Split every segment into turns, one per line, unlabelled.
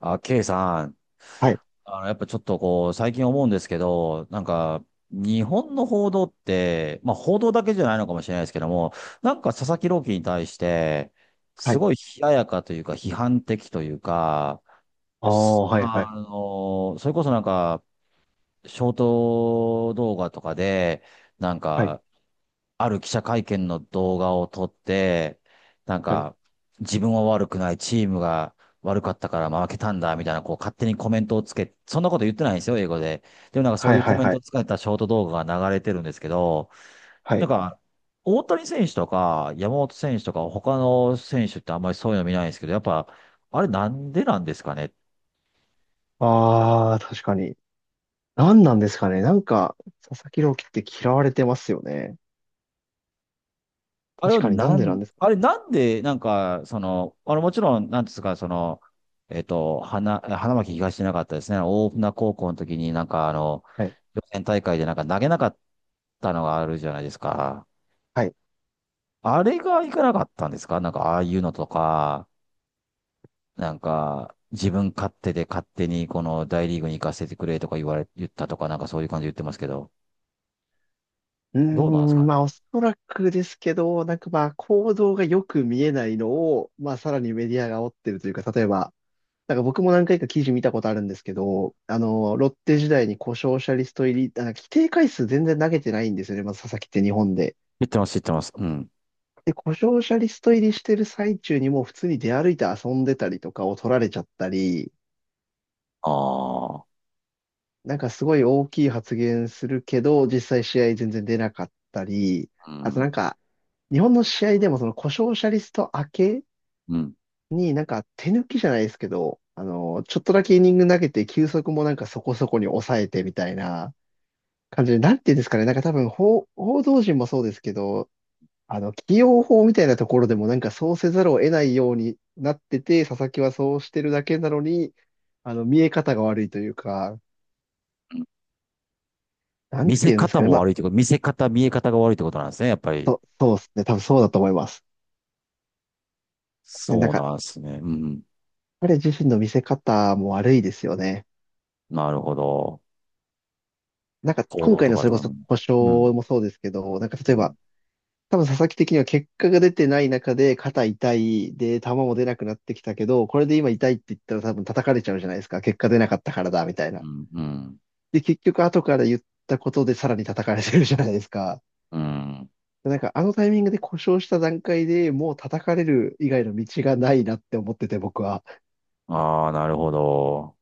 あ、ケイさん、
はい、
やっぱちょっとこう、最近思うんですけど、なんか、日本の報道って、まあ報道だけじゃないのかもしれないですけども、なんか佐々木朗希に対して、
は
す
い。
ごい冷ややかというか、批判的というか、
ああ、
す
はい、はい、
あの、それこそなんか、ショート動画とかで、なん
はい、
か、ある記者会見の動画を撮って、なん
はい、
か、自分は悪くない、チームが悪かったから負けたんだ、みたいな、こう、勝手にコメントをつけ、そんなこと言ってないんですよ、英語で。でもなんかそ
は
う
い、
いう
は
コ
い、
メン
は
ト
い。
をつけたショート動画が流れてるんですけど、
は
なん
い
か、大谷選手とか、山本選手とか、他の選手ってあんまりそういうの見ないんですけど、やっぱ、あれなんでなんですかねっ？
ああ、確かに。何なんですかね。なんか、佐々木朗希って嫌われてますよね。
あれ
確
を
かになん
な
でな
ん、
んですか。
あれなんで、なんか、その、あのもちろん、なんですか、その、花巻東じゃなかったですね。大船高校の時になんかあの、
はい、
予選大会でなんか投げなかったのがあるじゃないですか。
はい。
あれがいかなかったんですかなんかああいうのとか、なんか、自分勝手で勝手にこの大リーグに行かせてくれとか言われ、言ったとか、なんかそういう感じで言ってますけど、
うー
どうなんですか
ん、まあ、お
ね。
そらくですけど、なんかまあ、行動がよく見えないのを、まあ、さらにメディアが煽ってるというか、例えば、なんか僕も何回か記事見たことあるんですけど、あの、ロッテ時代に故障者リスト入り、あ規定回数全然投げてないんですよね。まず佐々木って日本で。
言ってます、言ってます。うん。
で、故障者リスト入りしてる最中にもう普通に出歩いて遊んでたりとかを取られちゃったり、
ああ、
なんかすごい大きい発言するけど、実際試合全然出なかったり、
う
あとな
ん、
んか、日本の試合でもその故障者リスト明け
うん、
になんか手抜きじゃないですけど、あの、ちょっとだけイニング投げて球速もなんかそこそこに抑えてみたいな感じで、なんていうんですかね、なんか多分報道陣もそうですけど、あの、起用法みたいなところでもなんかそうせざるを得ないようになってて、佐々木はそうしてるだけなのに、あの、見え方が悪いというか、
うん。
なん
見
て
せ
言うんです
方
かね。
も
まあ、
悪いってこと、見せ方、見え方が悪いってことなんですね、やっぱり。
そう、そうですね。多分そうだと思います。ねな
そ
ん
う
か、
なんですね。うん。
彼自身の見せ方も悪いですよね。
なるほど。
なんか、
行
今
動
回
と
の
か
それ
と
こ
か
そ
も。
故障
うん。
もそうですけど、なんか例え
うん。
ば、多分佐々木的には結果が出てない中で肩痛いで球も出なくなってきたけど、これで今痛いって言ったら多分叩かれちゃうじゃないですか。結果出なかったからだ、みたい
う
な。
ん。うん。
で、結局後から言ったことでさらに叩かれてるじゃないですか。
うん。
なんかあのタイミングで故障した段階でもう叩かれる以外の道がないなって思ってて僕は。
ああ、なるほど。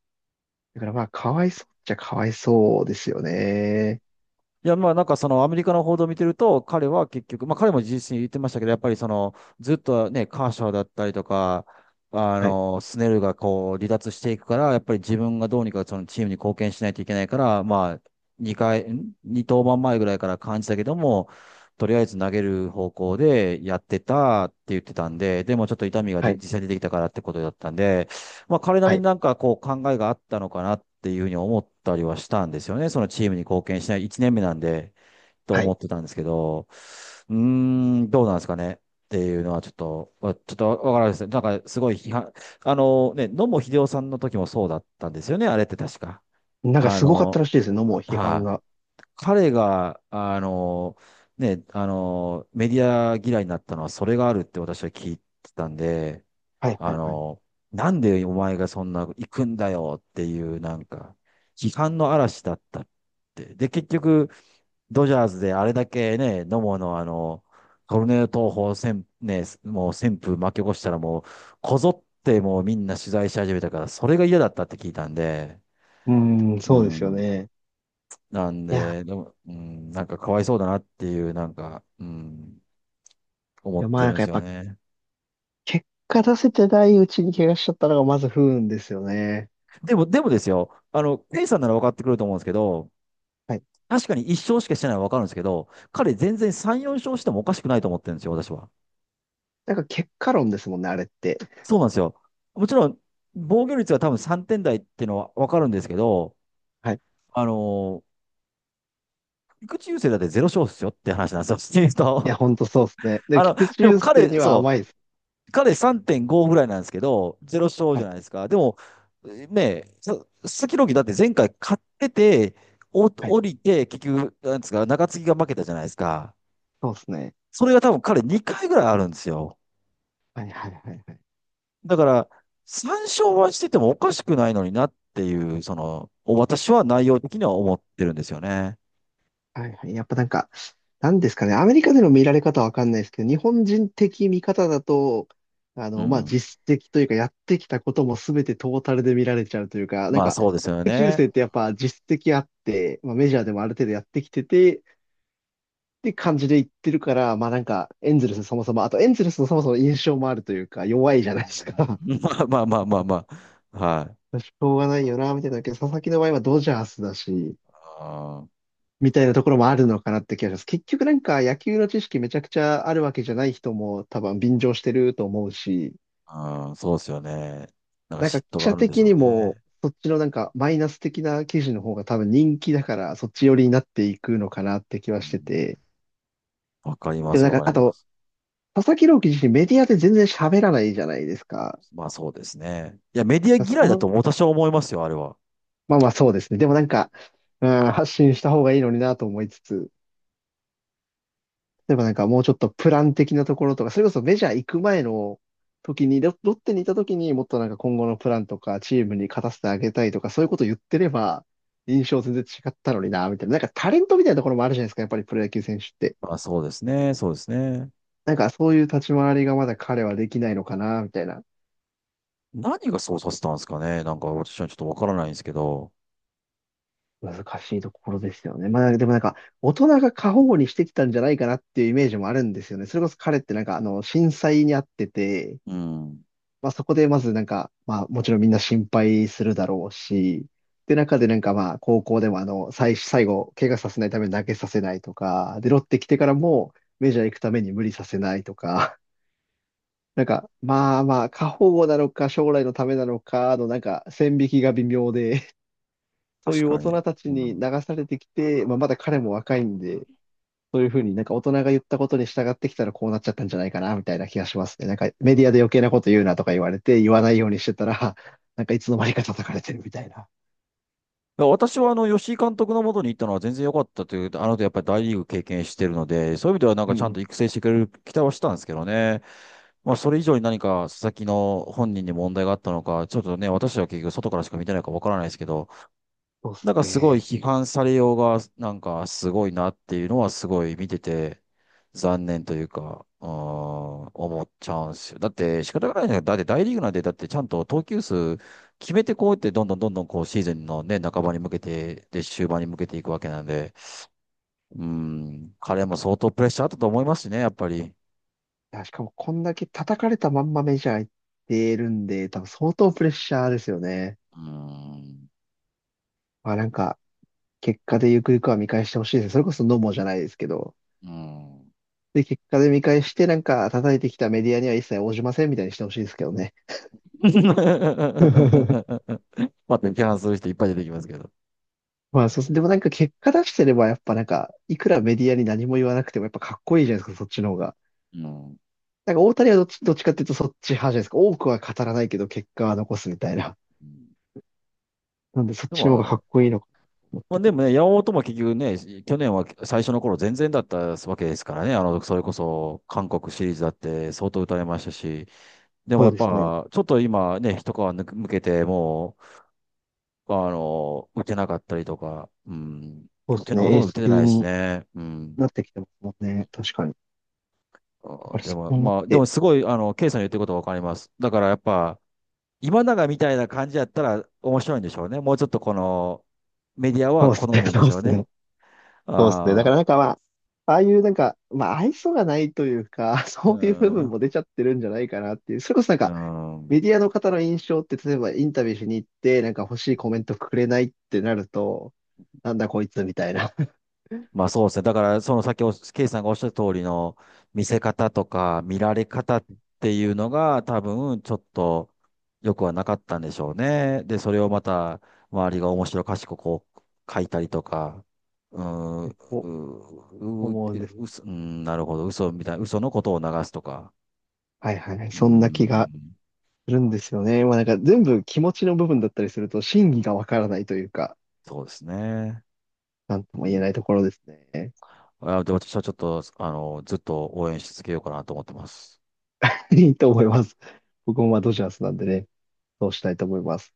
だからまあかわいそうっちゃかわいそうですよね。
いや、まあなんかそのアメリカの報道を見てると、彼は結局、まあ彼も質に言ってましたけど、やっぱりそのずっとね、カーショーだったりとか、あ
はい、
の、スネルがこう離脱していくから、やっぱり自分がどうにかそのチームに貢献しないといけないから、まあ2回、二登板前ぐらいから感じたけども、とりあえず投げる方向でやってたって言ってたんで、でもちょっと痛みが
は
で
い、
実際出てきたからってことだったんで、まあ、彼な
は
りに
い、
なんかこう考えがあったのかなっていうふうに思ったりはしたんですよね。そのチームに貢献しない1年目なんで、と
は
思
い。
ってたんですけど、うーん、どうなんですかね。っていうのはちょっと、ちょっとわからないですね。なんかすごい批判、あのね、野茂英雄さんの時もそうだったんですよね、あれって確か。
なんか
あ
すごかっ
の、
たらしいですね、もう批判
は
が。
い、彼が、ね、メディア嫌いになったのはそれがあるって私は聞いてたんで、
はい
あ
はいはい。
の、なんでお前がそんな行くんだよっていうなんか、批判の嵐だったって。で、結局、ドジャースであれだけね、野茂のあの、トルネード投法、ね、もう旋風巻き起こしたらもう、こぞってもうみんな取材し始めたから、それが嫌だったって聞いたんで、
うーん、
う
そうですよ
ん。
ね。
なん
いや、
で、でも、うん、なんかかわいそうだなっていう、なんか、うん、思っ
でもまあ
て
な
るん
ん
で
かや
す
っ
よ
ぱ
ね。
結果出せてないうちに怪我しちゃったのがまず不運ですよね。
でもですよ、あの、ケイさんなら分かってくると思うんですけど、
はい。
確かに1勝しかしてないのはわかるんですけど、彼全然3、4勝してもおかしくないと思ってるんですよ、私は。
なんか結果論ですもんね、あれって。
そうなんですよ。もちろん、防御率が多分3点台っていうのはわかるんですけど、
はい
あのー、菊池雄星だって0勝ですよって話なんですよ、シーズン
いや、
と。
ほんとそうです ね。で、菊池
でも
雄星に
彼、
は
そ
甘いです。
う、彼3.5ぐらいなんですけど、0勝
は
じゃ
い、
ないですか。でも、ねえ、佐々木朗希だって前回勝ってて、
はい、
降りて、結局、なんですか、中継ぎが負けたじゃないですか。
そうですね。
それが多分彼2回ぐらいあるんですよ。
はい、はい、はい、はい。
だから、参照はしててもおかしくないのになっていう、その、私は内容的には思ってるんですよね。
はい、はい。やっぱなんか、なんですかね、アメリカでの見られ方はわかんないですけど、日本人的見方だと、あ
う
の、まあ、
ん。
実績というか、やってきたことも全てトータルで見られちゃうというか、なん
まあ
か、
そうですよ
菊池雄
ね。
星ってやっぱ実績あって、まあ、メジャーでもある程度やってきてて、って感じで言ってるから、まあなんか、エンゼルスそもそも、あとエンゼルスのそもそも印象もあるというか、弱いじゃな
う
いですか。
ん。 まあまあまあまあまあ、はい。
しょうがないよな、みたいな。けど、佐々木の場合はドジャースだし、みたいなところもあるのかなって気がします。結局なんか野球の知識めちゃくちゃあるわけじゃない人も多分便乗してると思うし、
うん、うんそうですよね。なんか
なんか
嫉
記
妬が
者
あるんでし
的
ょう
にも
ね。
そっちのなんかマイナス的な記事の方が多分人気だからそっち寄りになっていくのかなって気
う
はして
ん、
て。
わかりま
でも
す、
なん
わ
か、
か
あ
りま
と、
す。
佐々木朗希自身メディアで全然喋らないじゃないですか。
まあそうですね。いや、メディア
そ
嫌いだと
の
私は思いますよ、あれは。
まあまあそうですね。でもなんか、うん、発信した方がいいのになと思いつつ。例えばなんかもうちょっとプラン的なところとか、それこそメジャー行く前の時に、ロッテにいた時にもっとなんか今後のプランとか、チームに勝たせてあげたいとか、そういうこと言ってれば、印象全然違ったのにな、みたいな。なんかタレントみたいなところもあるじゃないですか、やっぱりプロ野球選手って。
まあそうですね、そうですね。
なんかそういう立ち回りがまだ彼はできないのかな、みたいな。
何がそうさせたんですかね。なんか私はちょっとわからないんですけど。
難しいところですよね。まあでもなんか、大人が過保護にしてきたんじゃないかなっていうイメージもあるんですよね。それこそ彼ってなんか、あの、震災にあってて、
うん。
まあそこでまずなんか、まあもちろんみんな心配するだろうし、で中でなんかまあ高校でもあの、最後、怪我させないために投げさせないとか、で、ロッテ来てからもメジャー行くために無理させないとか、なんかまあまあ、過保護なのか将来のためなのかのなんか線引きが微妙で、そう
確
いう大
かに。
人たち
う
に
ん。
流されてきて、まあまだ彼も若いんで、そういうふうになんか大人が言ったことに従ってきたらこうなっちゃったんじゃないかな、みたいな気がしますね。なんかメディアで余計なこと言うなとか言われて、言わないようにしてたら、なんかいつの間にか叩かれてるみたいな。
だから私はあの、吉井監督のもとに行ったのは全然良かったという、あの後やっぱり大リーグ経験してるので、そういう意味ではなん
う
かちゃ
ん
ん
う
と
ん。
育成してくれる期待はしたんですけどね。まあ、それ以上に何か佐々木の本人に問題があったのか、ちょっとね、私は結局外からしか見てないからわからないですけど、
そうです
だからすごい
ね。
批判されようが、なんかすごいなっていうのはすごい見てて、残念というか、思っちゃうんですよ。だって仕方がないじゃないだって大リーグなんて、だってちゃんと投球数決めてこうやってどんどんどんどんこうシーズンのね、半ばに向けて、で、終盤に向けていくわけなんで、うーん、彼も相当プレッシャーあったと思いますしね、やっぱり。
いやしかもこんだけ叩かれたまんまメジャー行ってるんで、多分相当プレッシャーですよね。
うーん、
まあなんか、結果でゆくゆくは見返してほしいです。それこそノモじゃないですけど。
うーん。
で、結果で見返してなんか叩いてきたメディアには一切応じませんみたいにしてほしいですけどね。
また批判する人いっぱい出てきますけど。
まあ、そうそう、でもなんか結果出してれば、やっぱなんか、いくらメディアに何も言わなくても、やっぱかっこいいじゃないですか、そっちの方が。
うん。
なんか大谷はどっちかっていうとそっち派じゃないですか。多くは語らないけど、結果は残すみたいな。
うん
なんで、そっ
で
ちの方がか
も、
っこいいのかなと思っ
まあ、
た
で
り。
もね、山本も結局ね、去年は最初の頃全然だったわけですからね、あの、それこそ韓国シリーズだって相当打たれましたし、でも
そ
や
う
っ
ですね。
ぱ、ちょっと今ね、一皮抜けて、もう、あの、打てなかったりとか、うん、
そう
打
で
て
す
な、ほ
ね。
と
エ
ん
ー
ど打
ス
ててな
級
いです
に
ね。うん。
なってきてますもんね。確かに。だ
あ
から
で
そ
も、
う思っ
まあ、で
て。
もすごい、あの、ケイさんの言ってることわかります。だからやっぱ、今永みたいな感じやったら面白いんでしょうね。もうちょっとこの、メディア
そ
は
うで
好
すね。
むんで
そ
し
うで
ょう
す
ね。
ね。そうですね。だ
あ
か
あ、
らなんかまあ、ああいうなんか、まあ、愛想がないというか、
う
そういう部分
ん、
も出ちゃってるんじゃないかなっていう。それこそなん
う
か、メ
ん。
ディアの方の印象って、例えばインタビューしに行って、なんか欲しいコメントくれないってなると、なんだこいつみたいな、
まあそうですね。だから、その先、ケイさんがおっしゃる通りの見せ方とか見られ方っていうのが多分ちょっと良くはなかったんでしょうね。で、それをまた周りが面白おかしくこう書いたりとか、うーん、
お
ううう
思うんです。
うすうん、なるほど、嘘みたいな、嘘のことを流すとか、
はいはいはい。
うー
そんな気が
ん、
するんですよね。まあなんか全部気持ちの部分だったりすると、真偽がわからないというか、
そうですね。
なんと
う
も言え
ん、
ないところですね。
あ、で、私はちょっと、あの、ずっと応援し続けようかなと思ってます。
いいと思います。僕もまあドジャースなんでね、そうしたいと思います。